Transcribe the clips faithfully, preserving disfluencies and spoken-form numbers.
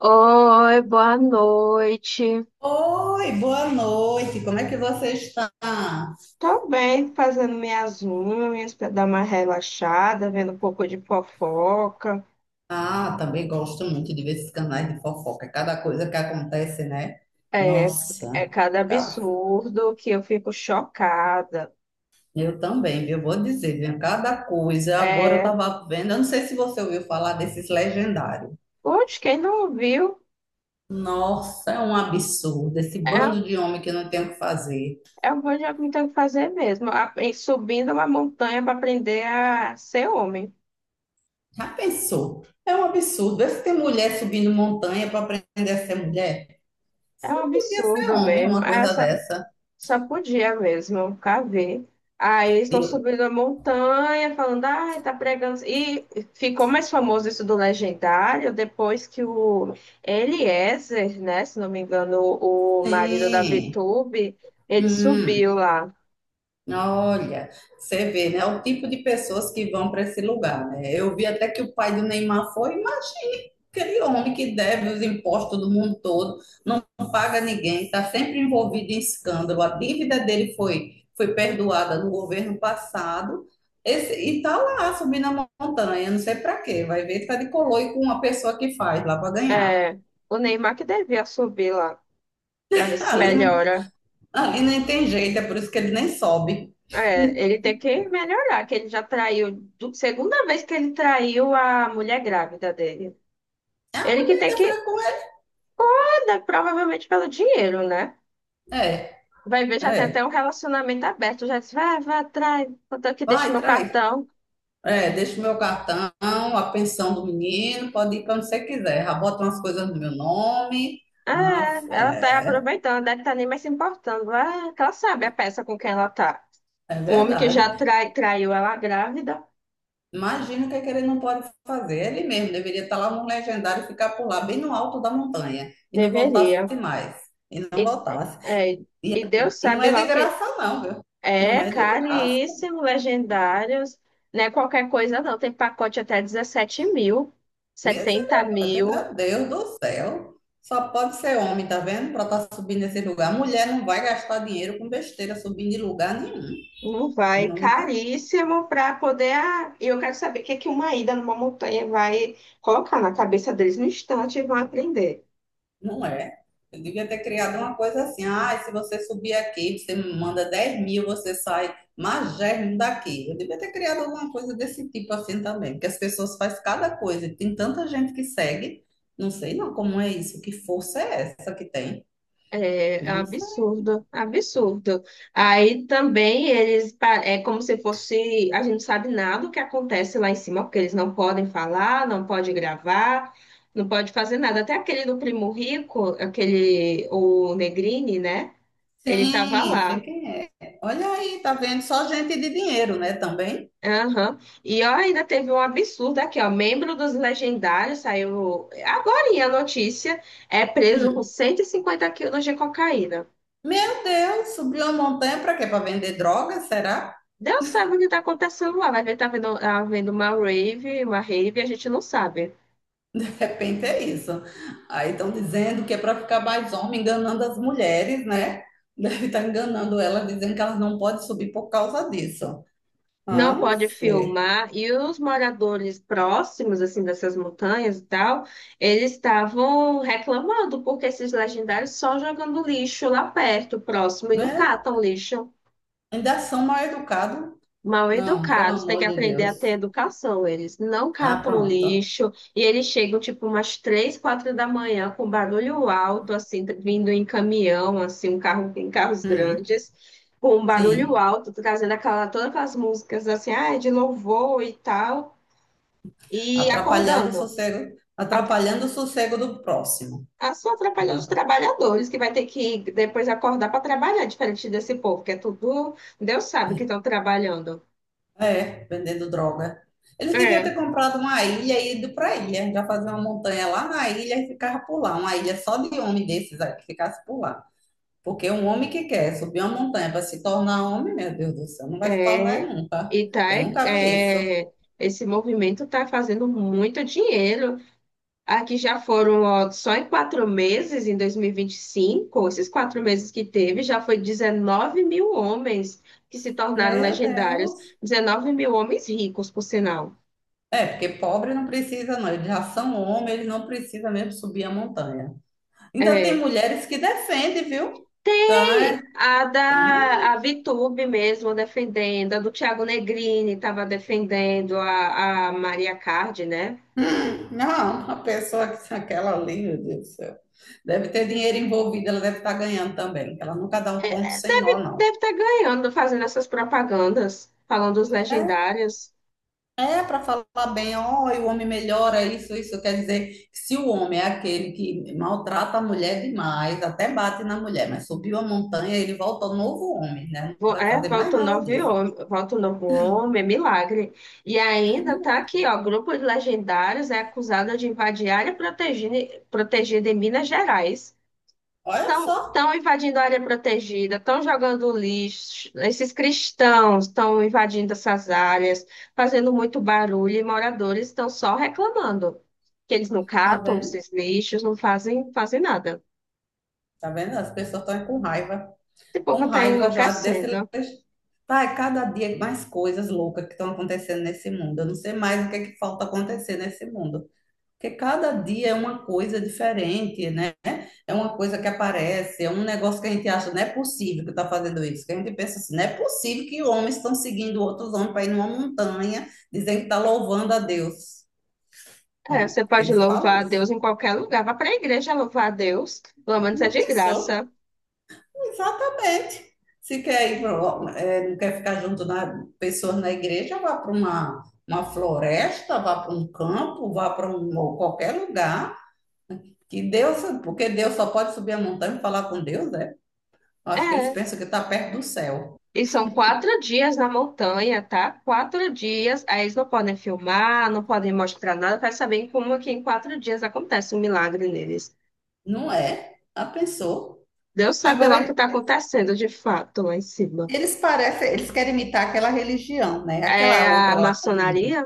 Oi, boa noite. Oi, boa noite. Como é que você está? Tô bem, fazendo minhas unhas para dar uma relaxada, vendo um pouco de fofoca. Ah, também gosto muito de ver esses canais de fofoca. Cada coisa que acontece, né? É, é Nossa, cada cara, absurdo que eu fico chocada. eu também, viu? Vou dizer, viu? Cada coisa. Agora eu É, tava vendo, eu não sei se você ouviu falar desses legendários. putz, quem não viu, Nossa, é um absurdo. Esse é, bando de homem que não tem o que fazer. é o que eu me tenho que fazer mesmo. A- e subindo uma montanha para aprender a ser homem. Já pensou? É um absurdo. Vê se tem mulher subindo montanha para aprender a ser mulher. É um Só podia ser absurdo homem, mesmo. uma coisa dessa. Sacudia mesmo, cavei. Aí eles estão subindo a montanha, falando, ai, tá pregando. E ficou mais famoso isso do Legendário depois que o Eliezer, né, se não me engano, o o marido da Sim. VTube, ele Hum, subiu lá. olha, você vê, né? O tipo de pessoas que vão para esse lugar, né? Eu vi até que o pai do Neymar foi, imagine aquele homem que deve os impostos do mundo todo, não paga ninguém, está sempre envolvido em escândalo. A dívida dele foi, foi perdoada no governo passado. Esse, e tá lá subindo a montanha, não sei para quê. Vai ver, tá de coloio com uma pessoa que faz lá para ganhar. É, o Neymar que devia subir lá, pra ver se Ali não, melhora. ali nem tem jeito, é por isso que ele nem sobe. É, ele tem que melhorar, que ele já traiu, du- segunda vez que ele traiu a mulher grávida dele. Ah, Ele que tem que fica. andar, provavelmente pelo dinheiro, né? É, Vai ver, já tem até um é. relacionamento aberto. Já disse, vai, vai atrás, contanto que deixe Vai, meu traz. cartão. É, deixa o meu cartão, a pensão do menino, pode ir para onde você quiser. Já bota umas coisas no meu nome. Ah, Ah, é, ela tá é, aproveitando, deve estar nem mais se importando. Ah, que ela sabe a peça com quem ela tá. é O homem que verdade. já trai, traiu ela grávida, Imagina o que, é que ele não pode fazer. Ele mesmo deveria estar lá no legendário e ficar por lá, bem no alto da montanha, e não voltasse deveria. mais. E não E, voltasse. é, e Deus E não sabe é lá de o que graça, não, viu? Não é é de graça. caríssimo, legendários. Não é qualquer coisa, não. Tem pacote até 17 mil, setenta Misericórdia, mil. meu Deus do céu. Só pode ser homem, tá vendo? Pra estar subindo esse lugar. Mulher não vai gastar dinheiro com besteira subindo de lugar nenhum. Não vai, Nunca, caríssimo para poder. ah, E eu quero saber o que é que uma ida numa montanha vai colocar na cabeça deles no instante e vão aprender. não é. Eu devia ter criado uma coisa assim. Ah, se você subir aqui, você me manda dez mil, você sai magérrimo daqui. Eu devia ter criado alguma coisa desse tipo assim também. Porque as pessoas fazem cada coisa. Tem tanta gente que segue. Não sei não como é isso. Que força é essa que tem? É Eu não sei. absurdo, absurdo. Aí também eles pa- é como se fosse, a gente não sabe nada do que acontece lá em cima, porque eles não podem falar, não pode gravar, não pode fazer nada. Até aquele do Primo Rico, aquele o Negrini, né? Ele tava Sim, sei lá. quem é. Olha aí, tá vendo? Só gente de dinheiro, né, também. Aham. E ó, ainda teve um absurdo aqui, ó. Membro dos legendários saiu agorinha a notícia, é preso com Hum. cento e cinquenta quilos de cocaína. Meu Deus, subiu a montanha para quê? Para vender drogas, será? Deus sabe o que está acontecendo lá. Vai ver tá havendo, havendo uma rave, uma rave, a gente não sabe. De repente é isso. Aí estão dizendo que é para ficar mais homem, enganando as mulheres, né? Deve estar enganando elas, dizendo que elas não podem subir por causa disso. Não Ah, pode sei. filmar. E os moradores próximos, assim, dessas montanhas e tal, eles estavam reclamando porque esses legendários só jogando lixo lá perto, próximo, e não Né? catam lixo. Ainda são mal educados. Mal Não, pelo educados, tem que amor de aprender a ter Deus. educação. Eles não Ah, catam pronto. lixo e eles chegam tipo umas três, quatro da manhã com barulho alto, assim, vindo em caminhão, assim, um carro em carros Hum. grandes, com um barulho Sim. alto, trazendo aquela, todas aquelas músicas assim, ah, de louvor e tal, e Atrapalhando o acordando. sossego, A, atrapalhando o sossego do próximo. a Só atrapalhando os Dá. trabalhadores, que vai ter que depois acordar para trabalhar, diferente desse povo, que é tudo, Deus sabe que estão trabalhando. É, vendendo droga. Eles deviam É. ter comprado uma ilha e ido para a ilha, já fazer uma montanha lá na ilha e ficava por lá. Uma ilha só de homem desses aí que ficasse por lá. Porque um homem que quer subir uma montanha para se tornar homem, meu Deus do céu, não vai se tornar É, nunca. e tá, Eu nunca vi isso. é, é, esse movimento está fazendo muito dinheiro. Aqui já foram, ó, só em quatro meses, em dois mil e e vinte e cinco esses quatro meses que teve, já foi 19 mil homens que se tornaram Meu legendários. Deus. 19 mil homens ricos, por sinal. É, porque pobre não precisa, não. Eles já são homens, eles não precisam mesmo subir a montanha. Ainda tem É. mulheres que defendem, viu? Então, Tem é, a tem mulher. da a Vitube mesmo defendendo, a do Thiago Negrini estava defendendo a, a Maria Cardi, né? Hum, Não, uma pessoa que aquela ali, meu Deus do céu. Deve ter dinheiro envolvido, ela deve estar ganhando também. Ela nunca dá um ponto sem nó, Deve, não. deve estar ganhando fazendo essas propagandas, falando dos É, legendários. é para falar bem, ó, e o homem melhora isso, isso quer dizer que se o homem é aquele que maltrata a mulher demais, até bate na mulher, mas subiu a montanha, ele volta novo homem, né? Vo- Não vai É, fazer mais volta o nada novo disso. Ó. homem, volta o novo homem, é milagre. E ainda tá Milagre. aqui, ó, grupo de legendários é acusado de invadir área protegida, protegida em Minas Gerais. Olha só, Estão invadindo a área protegida, estão jogando lixo, esses cristãos estão invadindo essas áreas, fazendo muito barulho e moradores estão só reclamando que eles não tá catam vendo? esses lixos, não fazem, fazem nada. Tá vendo? As pessoas estão com raiva. Esse Com povo está raiva já desse. enlouquecendo. Tá, é cada dia é mais coisas loucas que estão acontecendo nesse mundo. Eu não sei mais o que é que falta acontecer nesse mundo. Porque cada dia é uma coisa diferente, né? É uma coisa que aparece, é um negócio que a gente acha, não é possível que está fazendo isso. Que a gente pensa assim, não é possível que homens estão seguindo outros homens para ir numa montanha, dizendo que está louvando a Deus, É, né? você Porque pode eles falam louvar a isso. Deus em qualquer lugar, vá para a igreja louvar a Deus, pelo menos é Não de pensou? graça. Exatamente. Se quer ir pro, é, não quer ficar junto na pessoas na igreja, vá para uma, uma floresta, vá para um campo, vá para um ou qualquer lugar. Que Deus, porque Deus só pode subir a montanha e falar com Deus, né? Eu acho que eles É, pensam que está perto do céu. e são quatro dias na montanha, tá? Quatro dias. Aí eles não podem filmar, não podem mostrar nada para saber como é que em quatro dias acontece um milagre neles. Não é? Já pensou? Deus sabe lá o que Agora está acontecendo de fato lá em cima. eles parecem, eles querem imitar aquela religião, né? Aquela É outra a lá, maçonaria?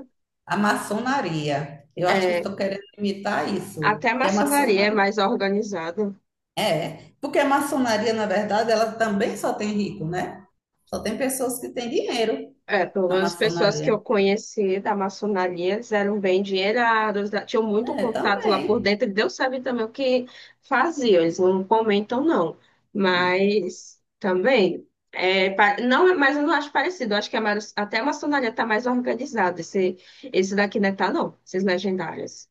a maçonaria. Eu acho que eles É. estão querendo imitar isso, Até a que é maçonaria é maçonaria. mais organizada. É, porque a maçonaria, na verdade, ela também só tem rico, né? Só tem pessoas que têm dinheiro É, pelo na menos as pessoas que eu maçonaria. conheci da maçonaria, eles eram bem endinheirados, da- tinham muito É, contato lá por também. dentro, e Deus sabe também o que faziam, eles não comentam, não. Mas também, é, pa- não, é- mas eu não acho parecido, eu acho que a, maro- até a maçonaria está mais organizada, esse, esse daqui não está, não, esses legendários.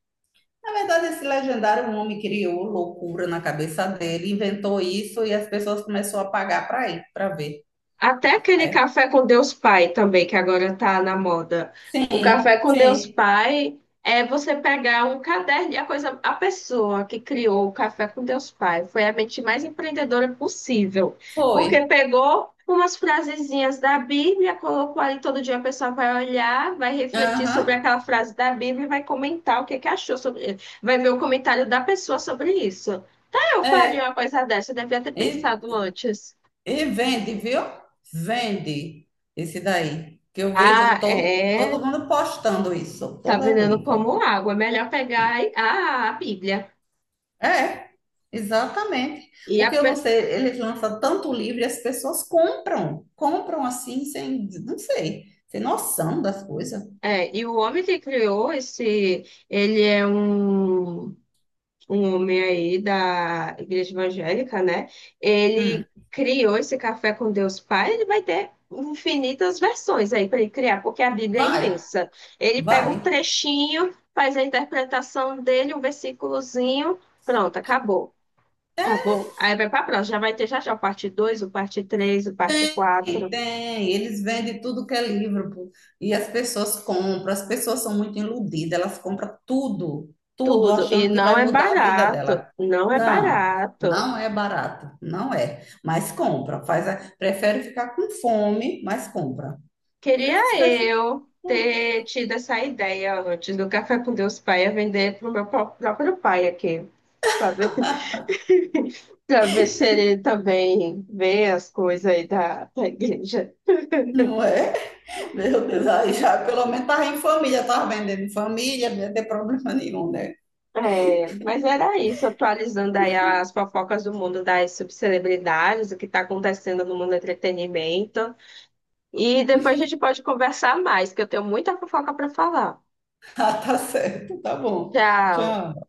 Na verdade, esse legendário um homem criou loucura na cabeça dele, inventou isso e as pessoas começaram a pagar para ir, para ver. Até aquele É, café com Deus Pai também, que agora tá na moda. O café sim, com Deus sim, Pai é você pegar um caderno e a coisa, a pessoa que criou o café com Deus Pai foi a mente mais empreendedora possível, porque foi. pegou umas frasezinhas da Bíblia, colocou ali todo dia a pessoa vai olhar, vai refletir Aham, sobre aquela frase da Bíblia e vai comentar o que que achou sobre, vai ver o comentário da pessoa sobre isso. Ah, eu faria uma é. coisa dessa, eu devia ter pensado E, antes. e vende, viu? Vende esse daí. Que eu vejo Ah, todo, todo é. mundo postando isso, Tá toda vendendo vez. como água. É melhor pegar a, a Bíblia. É, exatamente. E, a Porque eu não pe- sei, eles lançam tanto livro e as pessoas compram, compram assim, sem, não sei, sem noção das coisas. é, e o homem que criou esse, ele é um, um homem aí da igreja evangélica, né? Hum, Ele criou esse café com Deus Pai, ele vai ter infinitas versões aí para ele criar, porque a Bíblia é Vai, imensa. Ele pega um vai. trechinho, faz a interpretação dele, um versículozinho, pronto, acabou. Acabou. Aí vai para a próxima, já vai ter já já o parte dois o parte três o parte Tem, quatro. tem. Eles vendem tudo que é livro, pô. E as pessoas compram. As pessoas são muito iludidas, elas compram tudo, tudo, Tudo. E achando que não vai é mudar a vida barato. dela. Não é Não, barato. não é barato, não é. Mas compra, faz a- prefere ficar com fome, mas compra. Porque Queria essas pessoas. eu ter tido essa ideia antes do Café com Deus Pai a vender para o meu pró- próprio pai aqui. Para ver, para ver se ele também vê as coisas aí da, da igreja. Não é? Meu Deus, aí já pelo menos estava em família, estava vendendo em família, não ia ter problema nenhum, né? É, mas era isso, atualizando aí as fofocas do mundo das subcelebridades, o que está acontecendo no mundo do entretenimento. E depois a gente pode conversar mais, que eu tenho muita fofoca para falar. Ah, tá certo, tá bom. Tchau. Tchau.